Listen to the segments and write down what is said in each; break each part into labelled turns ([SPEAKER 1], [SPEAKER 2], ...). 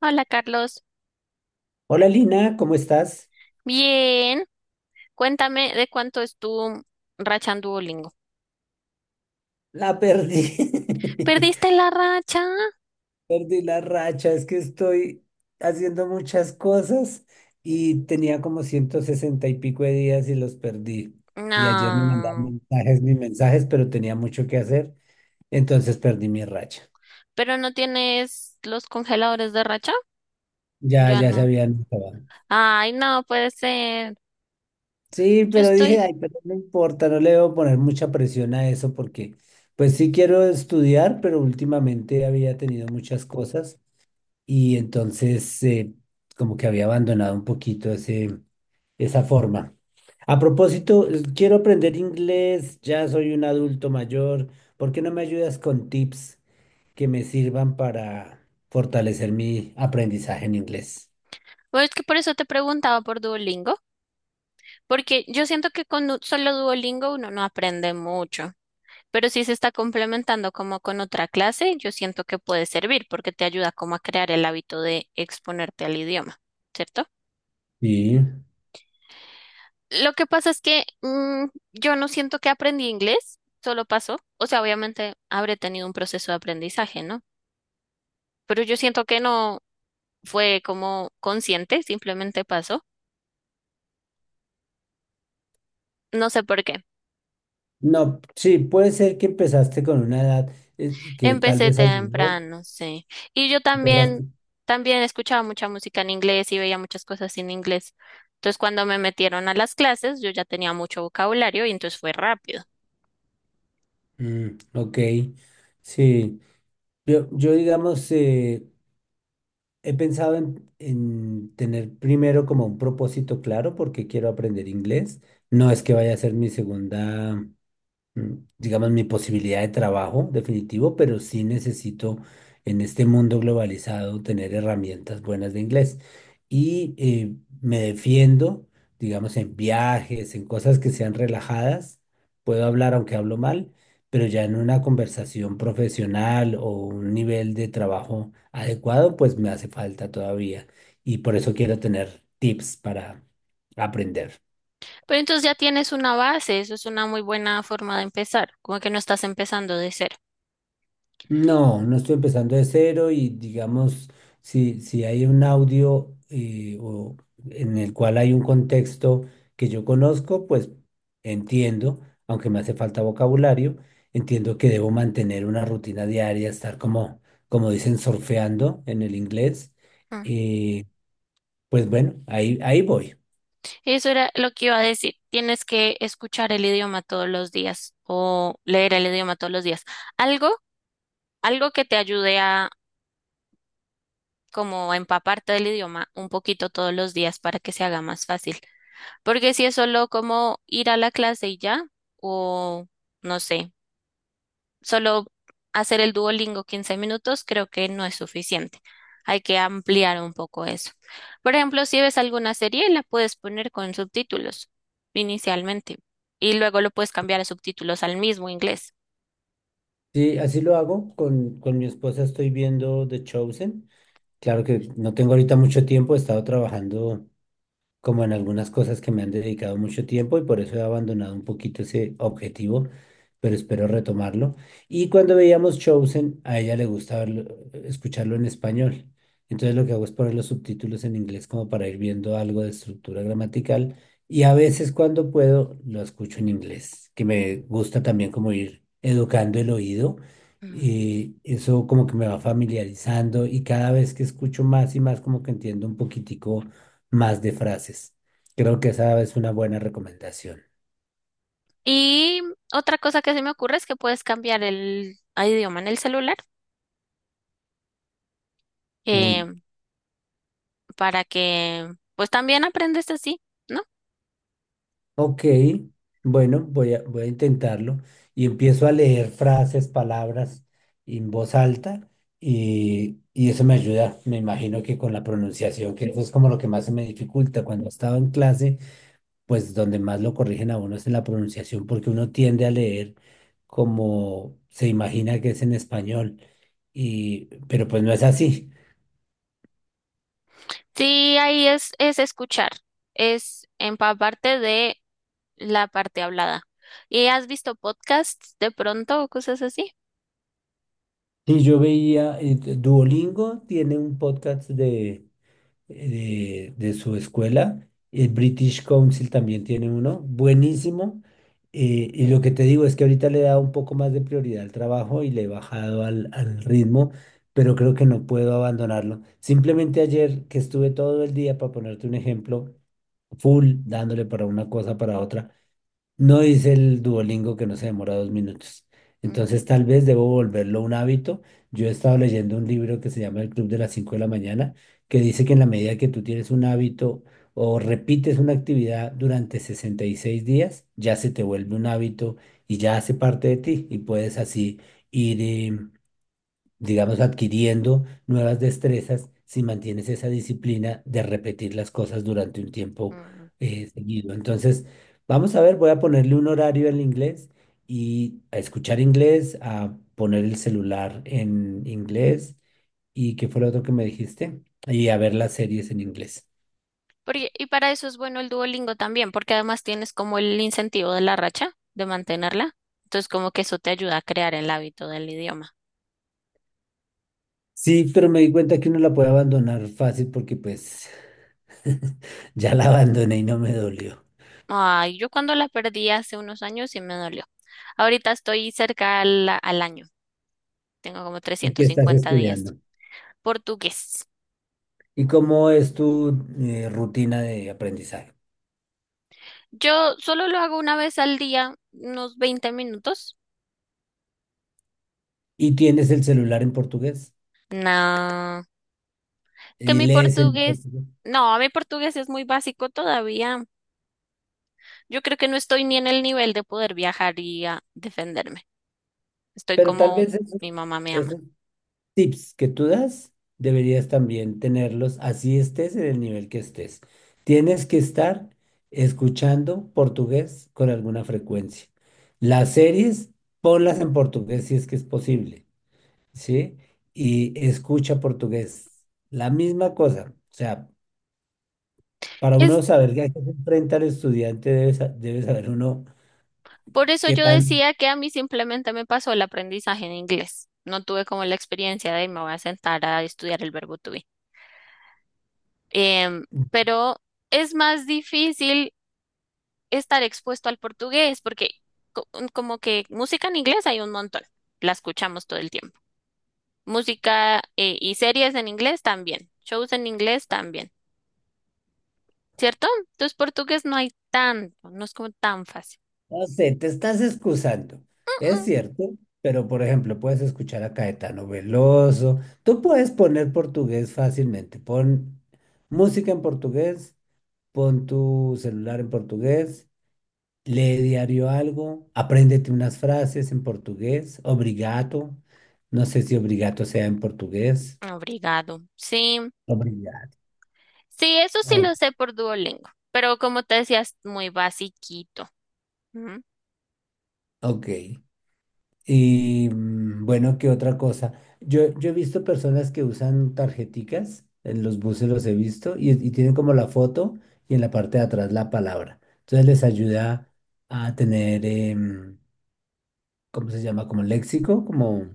[SPEAKER 1] Hola Carlos,
[SPEAKER 2] Hola Lina, ¿cómo estás?
[SPEAKER 1] bien. Cuéntame de cuánto es tu racha en Duolingo.
[SPEAKER 2] La perdí.
[SPEAKER 1] ¿Perdiste la racha?
[SPEAKER 2] Perdí la racha, es que estoy haciendo muchas cosas y tenía como 160 y pico de días y los perdí. Y ayer me mandaban
[SPEAKER 1] No.
[SPEAKER 2] mensajes, mis mensajes, pero tenía mucho que hacer, entonces perdí mi racha.
[SPEAKER 1] ¿Pero no tienes los congeladores de racha?
[SPEAKER 2] Ya,
[SPEAKER 1] Yo
[SPEAKER 2] ya se
[SPEAKER 1] no.
[SPEAKER 2] habían acabado.
[SPEAKER 1] Ay, no puede ser.
[SPEAKER 2] Sí,
[SPEAKER 1] Yo
[SPEAKER 2] pero dije,
[SPEAKER 1] estoy.
[SPEAKER 2] ay, pero no importa, no le debo poner mucha presión a eso porque pues sí quiero estudiar, pero últimamente había tenido muchas cosas y entonces como que había abandonado un poquito ese, esa forma. A propósito, quiero aprender inglés, ya soy un adulto mayor, ¿por qué no me ayudas con tips que me sirvan para fortalecer mi aprendizaje en inglés?
[SPEAKER 1] Bueno, es que por eso te preguntaba por Duolingo, porque yo siento que con solo Duolingo uno no aprende mucho, pero si se está complementando como con otra clase, yo siento que puede servir porque te ayuda como a crear el hábito de exponerte al idioma, ¿cierto?
[SPEAKER 2] Sí.
[SPEAKER 1] Lo que pasa es que yo no siento que aprendí inglés, solo pasó. O sea, obviamente habré tenido un proceso de aprendizaje, ¿no? Pero yo siento que no fue como consciente, simplemente pasó. No sé por qué.
[SPEAKER 2] No, sí, puede ser que empezaste con una edad que tal
[SPEAKER 1] Empecé
[SPEAKER 2] vez ayudó,
[SPEAKER 1] temprano, sí. Y yo también,
[SPEAKER 2] empezaste.
[SPEAKER 1] también escuchaba mucha música en inglés y veía muchas cosas en inglés. Entonces, cuando me metieron a las clases, yo ya tenía mucho vocabulario y entonces fue rápido.
[SPEAKER 2] Mm, ok, sí. Yo digamos, he pensado en tener primero como un propósito claro porque quiero aprender inglés. No es que vaya a ser mi segunda mm, digamos, mi posibilidad de trabajo definitivo, pero sí necesito en este mundo globalizado tener herramientas buenas de inglés. Y me defiendo, digamos, en viajes, en cosas que sean relajadas. Puedo hablar aunque hablo mal, pero ya en una conversación profesional o un nivel de trabajo adecuado, pues me hace falta todavía. Y por eso quiero tener tips para aprender.
[SPEAKER 1] Pero entonces ya tienes una base, eso es una muy buena forma de empezar, como que no estás empezando de cero.
[SPEAKER 2] No, no estoy empezando de cero y digamos, si hay un audio o en el cual hay un contexto que yo conozco, pues entiendo, aunque me hace falta vocabulario, entiendo que debo mantener una rutina diaria, estar como, como dicen, surfeando en el inglés.
[SPEAKER 1] Mm.
[SPEAKER 2] Y pues bueno, ahí voy.
[SPEAKER 1] Eso era lo que iba a decir. Tienes que escuchar el idioma todos los días o leer el idioma todos los días. Algo, algo que te ayude a, como empaparte del idioma un poquito todos los días para que se haga más fácil. Porque si es solo como ir a la clase y ya, o no sé, solo hacer el Duolingo 15 minutos, creo que no es suficiente. Hay que ampliar un poco eso. Por ejemplo, si ves alguna serie, la puedes poner con subtítulos inicialmente y luego lo puedes cambiar a subtítulos al mismo inglés.
[SPEAKER 2] Sí, así lo hago. Con mi esposa estoy viendo The Chosen. Claro que no tengo ahorita mucho tiempo, he estado trabajando como en algunas cosas que me han dedicado mucho tiempo y por eso he abandonado un poquito ese objetivo, pero espero retomarlo. Y cuando veíamos Chosen, a ella le gusta escucharlo en español. Entonces lo que hago es poner los subtítulos en inglés como para ir viendo algo de estructura gramatical y a veces cuando puedo lo escucho en inglés, que me gusta también como ir educando el oído.
[SPEAKER 1] Mm.
[SPEAKER 2] Y eso como que me va familiarizando y cada vez que escucho más y más como que entiendo un poquitico más de frases. Creo que esa es una buena recomendación.
[SPEAKER 1] Y otra cosa que se me ocurre es que puedes cambiar el a idioma en el celular. Eh,
[SPEAKER 2] Uy,
[SPEAKER 1] para que pues también aprendes así, ¿no?
[SPEAKER 2] ok, bueno, voy a intentarlo y empiezo a leer frases, palabras en voz alta y eso me ayuda, me imagino que con la pronunciación, que eso es como lo que más se me dificulta cuando estaba en clase, pues donde más lo corrigen a uno es en la pronunciación porque uno tiende a leer como se imagina que es en español y pero pues no es así.
[SPEAKER 1] Sí, ahí es escuchar, es empaparte de la parte hablada. ¿Y has visto podcasts de pronto o cosas así?
[SPEAKER 2] Sí, yo veía, Duolingo tiene un podcast de su escuela, el British Council también tiene uno, buenísimo. Y lo que te digo es que ahorita le he dado un poco más de prioridad al trabajo y le he bajado al ritmo, pero creo que no puedo abandonarlo. Simplemente ayer que estuve todo el día, para ponerte un ejemplo, full, dándole para una cosa, para otra. No dice el Duolingo que no se demora 2 minutos.
[SPEAKER 1] Mm,
[SPEAKER 2] Entonces tal vez debo volverlo un hábito. Yo he estado leyendo un libro que se llama El Club de las Cinco de la Mañana, que dice que en la medida que tú tienes un hábito o repites una actividad durante 66 días, ya se te vuelve un hábito y ya hace parte de ti y puedes así ir digamos, adquiriendo nuevas destrezas si mantienes esa disciplina de repetir las cosas durante un tiempo
[SPEAKER 1] mm.
[SPEAKER 2] seguido. Entonces, vamos a ver, voy a ponerle un horario al inglés y a escuchar inglés, a poner el celular en inglés y qué fue lo otro que me dijiste, y a ver las series en inglés.
[SPEAKER 1] Porque, y para eso es bueno el Duolingo también, porque además tienes como el incentivo de la racha, de mantenerla. Entonces como que eso te ayuda a crear el hábito del idioma.
[SPEAKER 2] Sí, pero me di cuenta que uno la puede abandonar fácil porque pues ya la abandoné y no me dolió.
[SPEAKER 1] Ay, yo cuando la perdí hace unos años sí me dolió. Ahorita estoy cerca al, al año, tengo como
[SPEAKER 2] ¿Y qué
[SPEAKER 1] trescientos
[SPEAKER 2] estás
[SPEAKER 1] cincuenta días.
[SPEAKER 2] estudiando?
[SPEAKER 1] Portugués.
[SPEAKER 2] ¿Y cómo es tu rutina de aprendizaje?
[SPEAKER 1] Yo solo lo hago una vez al día, unos 20 minutos.
[SPEAKER 2] Y tienes el celular en portugués
[SPEAKER 1] No, que
[SPEAKER 2] y
[SPEAKER 1] mi
[SPEAKER 2] lees en
[SPEAKER 1] portugués,
[SPEAKER 2] portugués.
[SPEAKER 1] no, mi portugués es muy básico todavía. Yo creo que no estoy ni en el nivel de poder viajar y a defenderme. Estoy
[SPEAKER 2] Pero tal
[SPEAKER 1] como
[SPEAKER 2] vez esos,
[SPEAKER 1] mi mamá me ama.
[SPEAKER 2] esos tips que tú das deberías también tenerlos así estés en el nivel que estés. Tienes que estar escuchando portugués con alguna frecuencia. Las series, ponlas en portugués si es que es posible, ¿sí? Y escucha portugués. La misma cosa. O sea, para uno
[SPEAKER 1] Es
[SPEAKER 2] saber a qué se enfrenta el estudiante, debe saber uno
[SPEAKER 1] por eso
[SPEAKER 2] qué
[SPEAKER 1] yo
[SPEAKER 2] tan...
[SPEAKER 1] decía que a mí simplemente me pasó el aprendizaje en inglés. No tuve como la experiencia de me voy a sentar a estudiar el verbo to be. Em, pero es más difícil estar expuesto al portugués, porque co- como que música en inglés hay un montón, la escuchamos todo el tiempo. Música y series en inglés también, shows en inglés también, ¿cierto? Entonces portugués no hay tanto, no es como tan fácil.
[SPEAKER 2] No sé, te estás excusando. Es
[SPEAKER 1] Mm,
[SPEAKER 2] cierto, pero por ejemplo, puedes escuchar a Caetano Veloso. Tú puedes poner portugués fácilmente. Pon música en portugués, pon tu celular en portugués, lee diario algo, apréndete unas frases en portugués. Obrigado. No sé si obrigado sea en portugués.
[SPEAKER 1] mm. Obrigado. Sí,
[SPEAKER 2] Obrigado.
[SPEAKER 1] sí, eso sí
[SPEAKER 2] O-
[SPEAKER 1] lo sé por Duolingo, pero como te decías, muy basiquito. Ujú.
[SPEAKER 2] ok. Y bueno, ¿qué otra cosa? Yo he visto personas que usan tarjeticas, en los buses los he visto, y tienen como la foto y en la parte de atrás la palabra. Entonces les ayuda a tener, ¿cómo se llama? Como léxico, como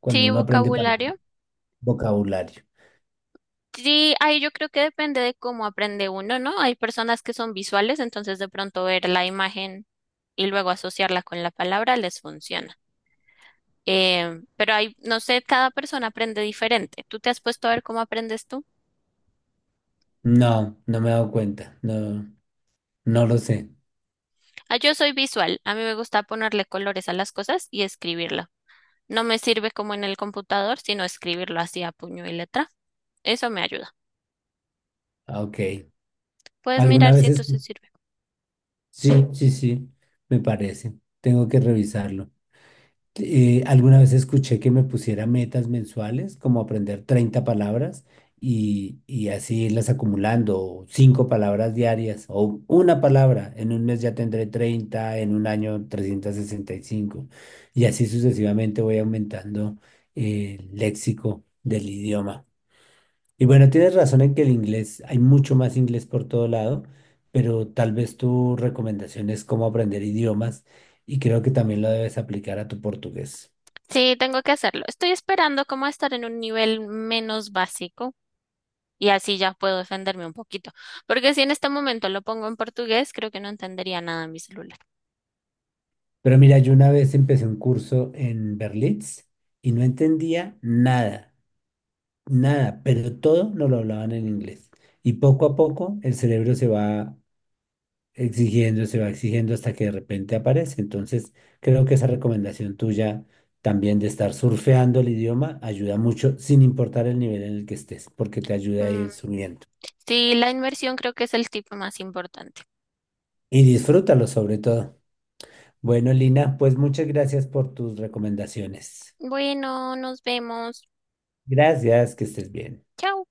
[SPEAKER 2] cuando
[SPEAKER 1] Sí,
[SPEAKER 2] uno aprende palabras,
[SPEAKER 1] vocabulario.
[SPEAKER 2] vocabulario.
[SPEAKER 1] Sí, ahí yo creo que depende de cómo aprende uno, ¿no? Hay personas que son visuales, entonces de pronto ver la imagen y luego asociarla con la palabra les funciona. Pero hay, no sé, cada persona aprende diferente. ¿Tú te has puesto a ver cómo aprendes tú?
[SPEAKER 2] No, no me he dado cuenta, no, no lo sé.
[SPEAKER 1] Ah, yo soy visual. A mí me gusta ponerle colores a las cosas y escribirlo. No me sirve como en el computador, sino escribirlo así a puño y letra. Eso me ayuda.
[SPEAKER 2] Ah, ok.
[SPEAKER 1] Puedes
[SPEAKER 2] Algunas
[SPEAKER 1] mirar si esto
[SPEAKER 2] veces,
[SPEAKER 1] se sirve.
[SPEAKER 2] sí, sí, sí, me parece. Tengo que revisarlo. Alguna vez escuché que me pusiera metas mensuales, como aprender 30 palabras y así irlas acumulando, o cinco palabras diarias o una palabra. En un mes ya tendré 30, en un año 365 y cinco y así sucesivamente voy aumentando el léxico del idioma. Y bueno, tienes razón en que el inglés, hay mucho más inglés por todo lado, pero tal vez tu recomendación es cómo aprender idiomas y creo que también lo debes aplicar a tu portugués.
[SPEAKER 1] Sí, tengo que hacerlo. Estoy esperando como a estar en un nivel menos básico y así ya puedo defenderme un poquito. Porque si en este momento lo pongo en portugués, creo que no entendería nada en mi celular.
[SPEAKER 2] Pero mira, yo una vez empecé un curso en Berlitz y no entendía nada, nada, pero todo nos lo hablaban en inglés. Y poco a poco el cerebro se va exigiendo hasta que de repente aparece. Entonces, creo que esa recomendación tuya también de estar surfeando el idioma ayuda mucho, sin importar el nivel en el que estés, porque te ayuda a ir
[SPEAKER 1] Mm.
[SPEAKER 2] subiendo.
[SPEAKER 1] Sí, la inmersión creo que es el tipo más importante.
[SPEAKER 2] Y disfrútalo sobre todo. Bueno, Lina, pues muchas gracias por tus recomendaciones.
[SPEAKER 1] Bueno, nos vemos.
[SPEAKER 2] Gracias, que estés bien.
[SPEAKER 1] Chao.